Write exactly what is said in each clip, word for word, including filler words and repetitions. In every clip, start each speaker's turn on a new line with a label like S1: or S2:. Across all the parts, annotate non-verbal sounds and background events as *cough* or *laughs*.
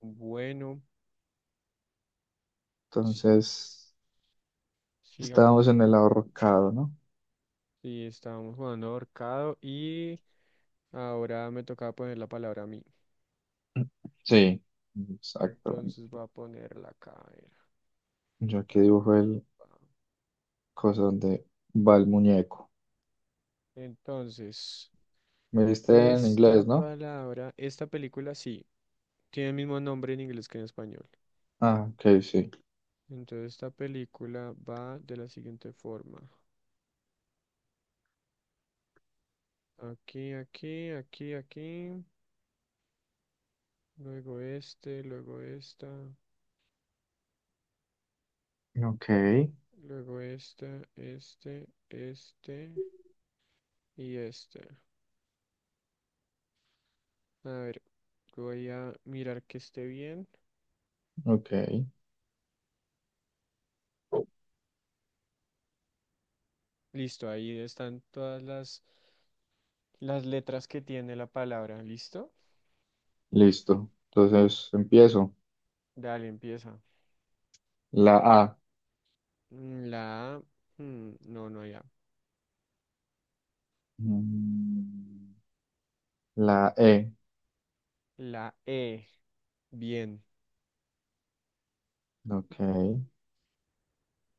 S1: Bueno, sí,
S2: Entonces, estábamos
S1: sigamos
S2: en el
S1: jugando.
S2: ahorcado, ¿no?
S1: Sí, estábamos jugando ahorcado y ahora me tocaba poner la palabra a mí.
S2: Sí, exactamente.
S1: Entonces voy a ponerla acá. A ver,
S2: Yo
S1: a
S2: aquí
S1: ver,
S2: dibujo el
S1: pa.
S2: cosa donde va el muñeco.
S1: Entonces,
S2: Me diste en
S1: esta
S2: inglés, ¿no?
S1: palabra, esta película sí, tiene el mismo nombre en inglés que en español.
S2: Ah, ok, sí.
S1: Entonces, esta película va de la siguiente forma. Aquí, aquí, aquí, aquí. Luego este, luego esta,
S2: Ok,
S1: luego esta, este, este. Y este, a ver, voy a mirar que esté bien.
S2: ok.
S1: Listo, ahí están todas las, las letras que tiene la palabra. ¿Listo?
S2: Listo. Entonces empiezo.
S1: Dale, empieza.
S2: La A.
S1: Mm, la A. Mm, no, no, ya.
S2: Mm, La E.
S1: La E. Bien,
S2: Ok.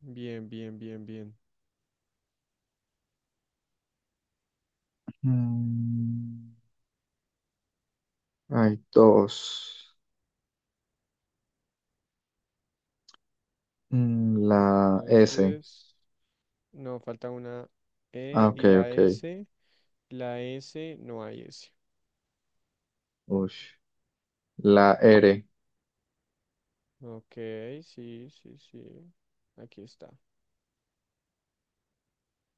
S1: bien, bien, bien, bien.
S2: Mm, Hay dos. Mm, La S.
S1: Entonces, no, falta una
S2: Ah,
S1: E
S2: ok,
S1: y la
S2: ok.
S1: S. La S, no hay S.
S2: Ush. La R.
S1: Ok, sí, sí, sí. Aquí está.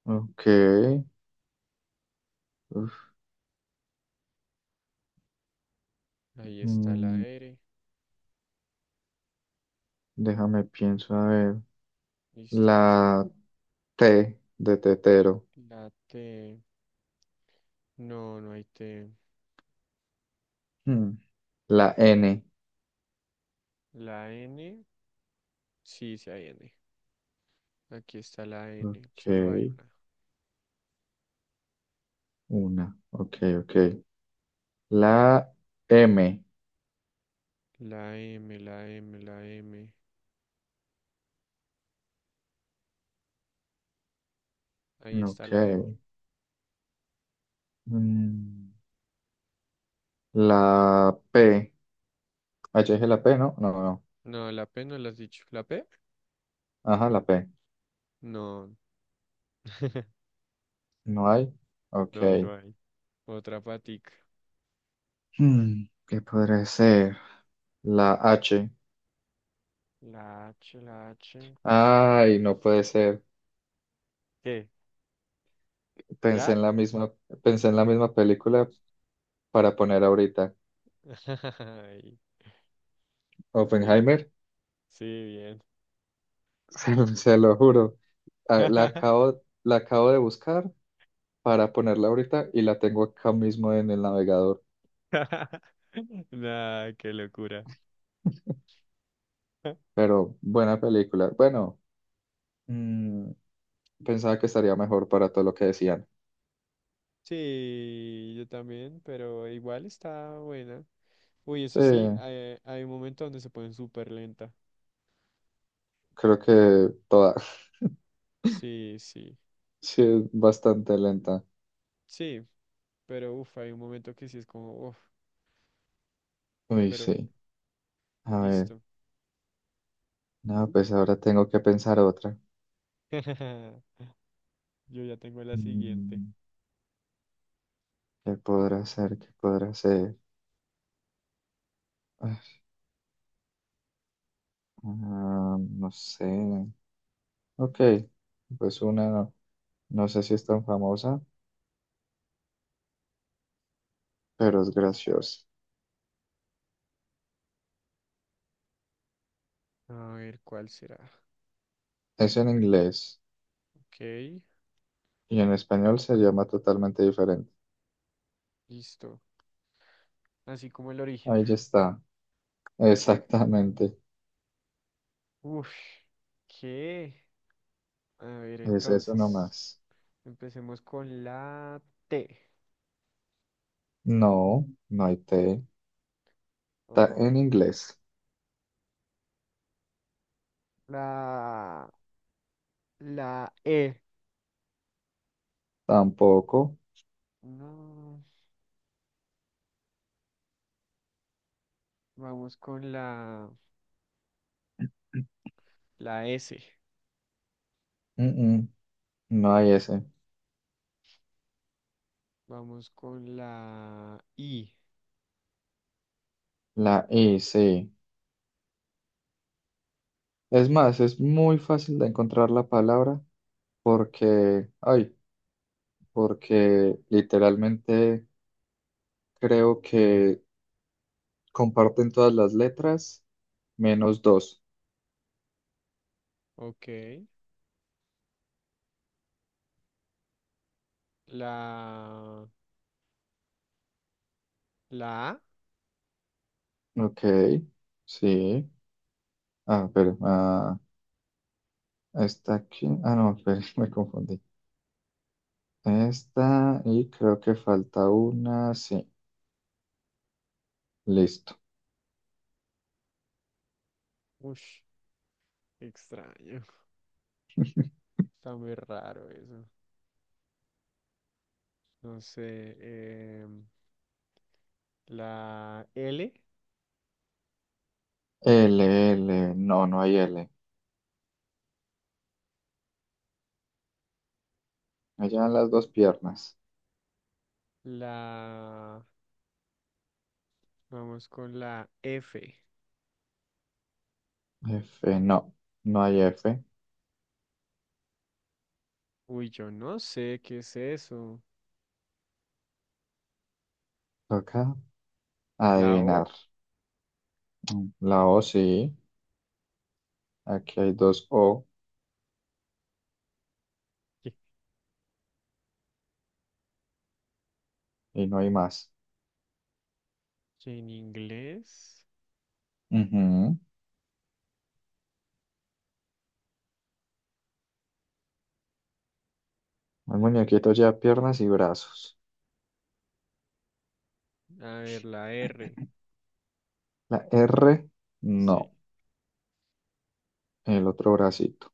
S2: Ok, uf,
S1: Ahí está la
S2: mm,
S1: R.
S2: déjame pienso, a ver.
S1: Listo, listo.
S2: La T de tetero.
S1: La T. No, no hay T.
S2: Hmm, La N.
S1: La N, sí, sí hay N. Aquí está la N,
S2: Ok,
S1: solo hay una.
S2: una. Ok, ok. La M.
S1: La M, la M, la M. Ahí está
S2: Ok.
S1: la M.
S2: mm, La P. Ah, ya dije la P, ¿no? No, no.
S1: No, la P no la has dicho. ¿La P?
S2: Ajá, la P.
S1: No. *laughs*
S2: No hay.
S1: No, no
S2: Ok.
S1: hay. Otra patica.
S2: Hmm, ¿qué podría ser? La H.
S1: La H, la H.
S2: Ay, no puede ser.
S1: ¿Qué?
S2: Pensé
S1: ¿Ya?
S2: en la misma, pensé en la misma película, para poner ahorita.
S1: *laughs* Ay, ¿sí?
S2: Oppenheimer,
S1: Sí, bien.
S2: *laughs* se, lo se lo juro. Ah, La acabo, la acabo de buscar para ponerla ahorita y la tengo acá mismo en el navegador.
S1: *laughs* Nah, qué locura. *laughs*
S2: Pero buena película. Bueno, mm, pensaba que estaría mejor para todo lo que decían.
S1: Sí, yo también, pero igual está buena. Uy,
S2: Sí,
S1: eso sí, hay, hay un momento donde se ponen súper lenta.
S2: creo que toda. *laughs*
S1: Sí, sí,
S2: Sí, es bastante lenta.
S1: sí, pero uff, hay un momento que sí es como, uff,
S2: Uy,
S1: pero
S2: sí. A ver,
S1: listo.
S2: no, pues ahora tengo que pensar otra.
S1: *laughs* Yo ya tengo la siguiente.
S2: Mm, ¿Qué podrá ser? ¿Qué podrá ser? Ah, no sé. Ok, pues una, no sé si es tan famosa, pero es graciosa.
S1: A ver, ¿cuál será?
S2: Es en inglés
S1: Ok,
S2: y en español se llama totalmente diferente.
S1: listo. Así como el origen.
S2: Ahí ya está, *laughs* exactamente.
S1: Uff, ¿qué? A ver,
S2: Es eso
S1: entonces,
S2: nomás.
S1: empecemos con la T.
S2: No, no hay T. Está en
S1: O
S2: inglés.
S1: la, la E.
S2: Tampoco.
S1: No, vamos con la, la S.
S2: Mm, mm, no hay S.
S1: Vamos con la I.
S2: La I, sí. Es más, es muy fácil de encontrar la palabra porque, ay, porque literalmente creo que comparten todas las letras, menos dos.
S1: Ok. La, la A.
S2: Ok, sí. Ah, pero, ah, está aquí. Ah, no, espere, *laughs* me confundí. Esta, y creo que falta una, sí. Listo.
S1: Ush, extraño.
S2: *laughs*
S1: *laughs* Está muy raro eso. No sé. em, la L.
S2: L, L, no, no hay L. Allá en las dos piernas.
S1: La, vamos con la F.
S2: F, no, no hay F.
S1: Uy, yo no sé qué es eso.
S2: Toca
S1: La O.
S2: adivinar. Mm, La O sí. Aquí hay dos O
S1: ¿Qué,
S2: y no hay más.
S1: que en inglés?
S2: Ujú. El muñequito ya piernas y brazos.
S1: A ver, la R.
S2: La R, no,
S1: Sí.
S2: el otro bracito.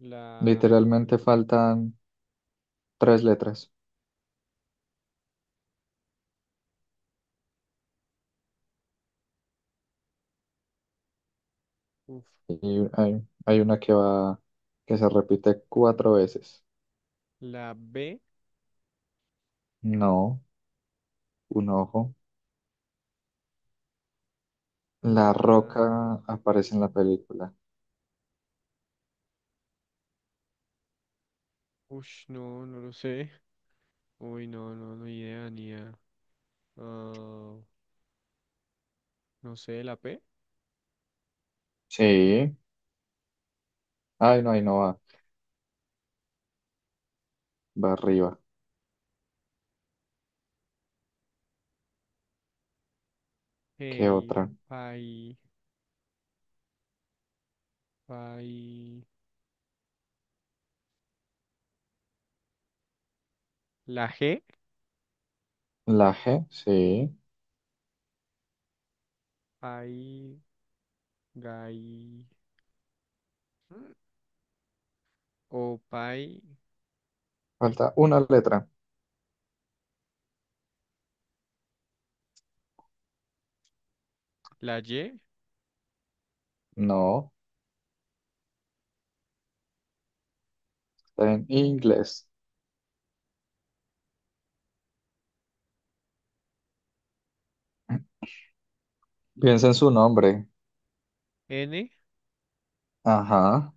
S1: La...
S2: Literalmente faltan tres letras
S1: Uf,
S2: y hay, hay una que va, que se repite cuatro veces.
S1: la B,
S2: No, un ojo. La
S1: la...
S2: roca aparece en la película.
S1: Ush, no, no lo sé. Uy, no, no, no idea, ni idea. Ah, no sé, la P.
S2: Sí. Ay, no, ahí no va. Va arriba. ¿Qué
S1: Hey,
S2: otra?
S1: pay, pay. La G,
S2: La G, sí.
S1: pay, gay. mm, O pay,
S2: Falta una letra.
S1: la Y,
S2: No, está en inglés. *clears throat* Piensa en su nombre.
S1: N.
S2: Ajá.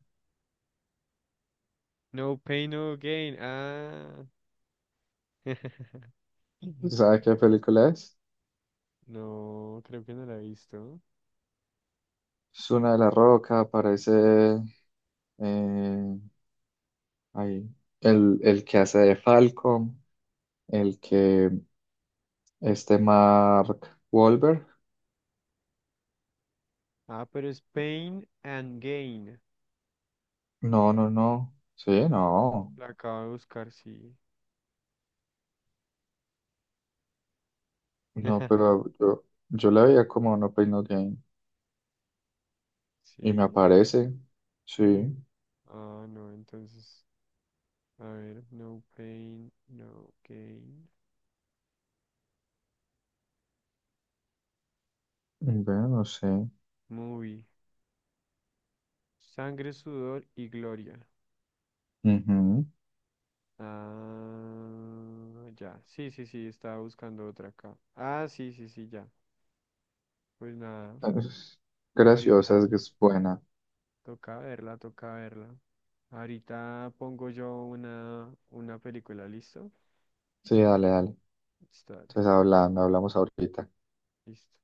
S1: No pain, no gain. Ah. *laughs*
S2: ¿Sabe qué película es?
S1: No, creo que no la he visto.
S2: Es una de la Roca, aparece eh, ahí, el, el que hace de Falcon, el que este Mark Wahlberg.
S1: Ah, pero es pain and gain.
S2: No, no, no. Sí, no.
S1: La acabo de buscar, sí.
S2: No, pero
S1: *laughs*
S2: yo, yo la veía como No Pain No Gain. Y me
S1: Sí.
S2: aparece. Sí.
S1: Ah, no, entonces, a ver, no pain, no gain.
S2: Bueno, no sé.
S1: Movie. Sangre, sudor y gloria.
S2: Ujú.
S1: Ah, ya. Sí, sí, sí, estaba buscando otra acá. Ah, sí, sí, sí, ya. Pues nada,
S2: Es graciosa,
S1: ahorita
S2: es que es buena.
S1: toca verla, toca verla. Ahorita pongo yo una, una película, ¿listo?
S2: Sí, dale, dale.
S1: Listo, dale,
S2: Entonces hablando, hablamos ahorita.
S1: listo.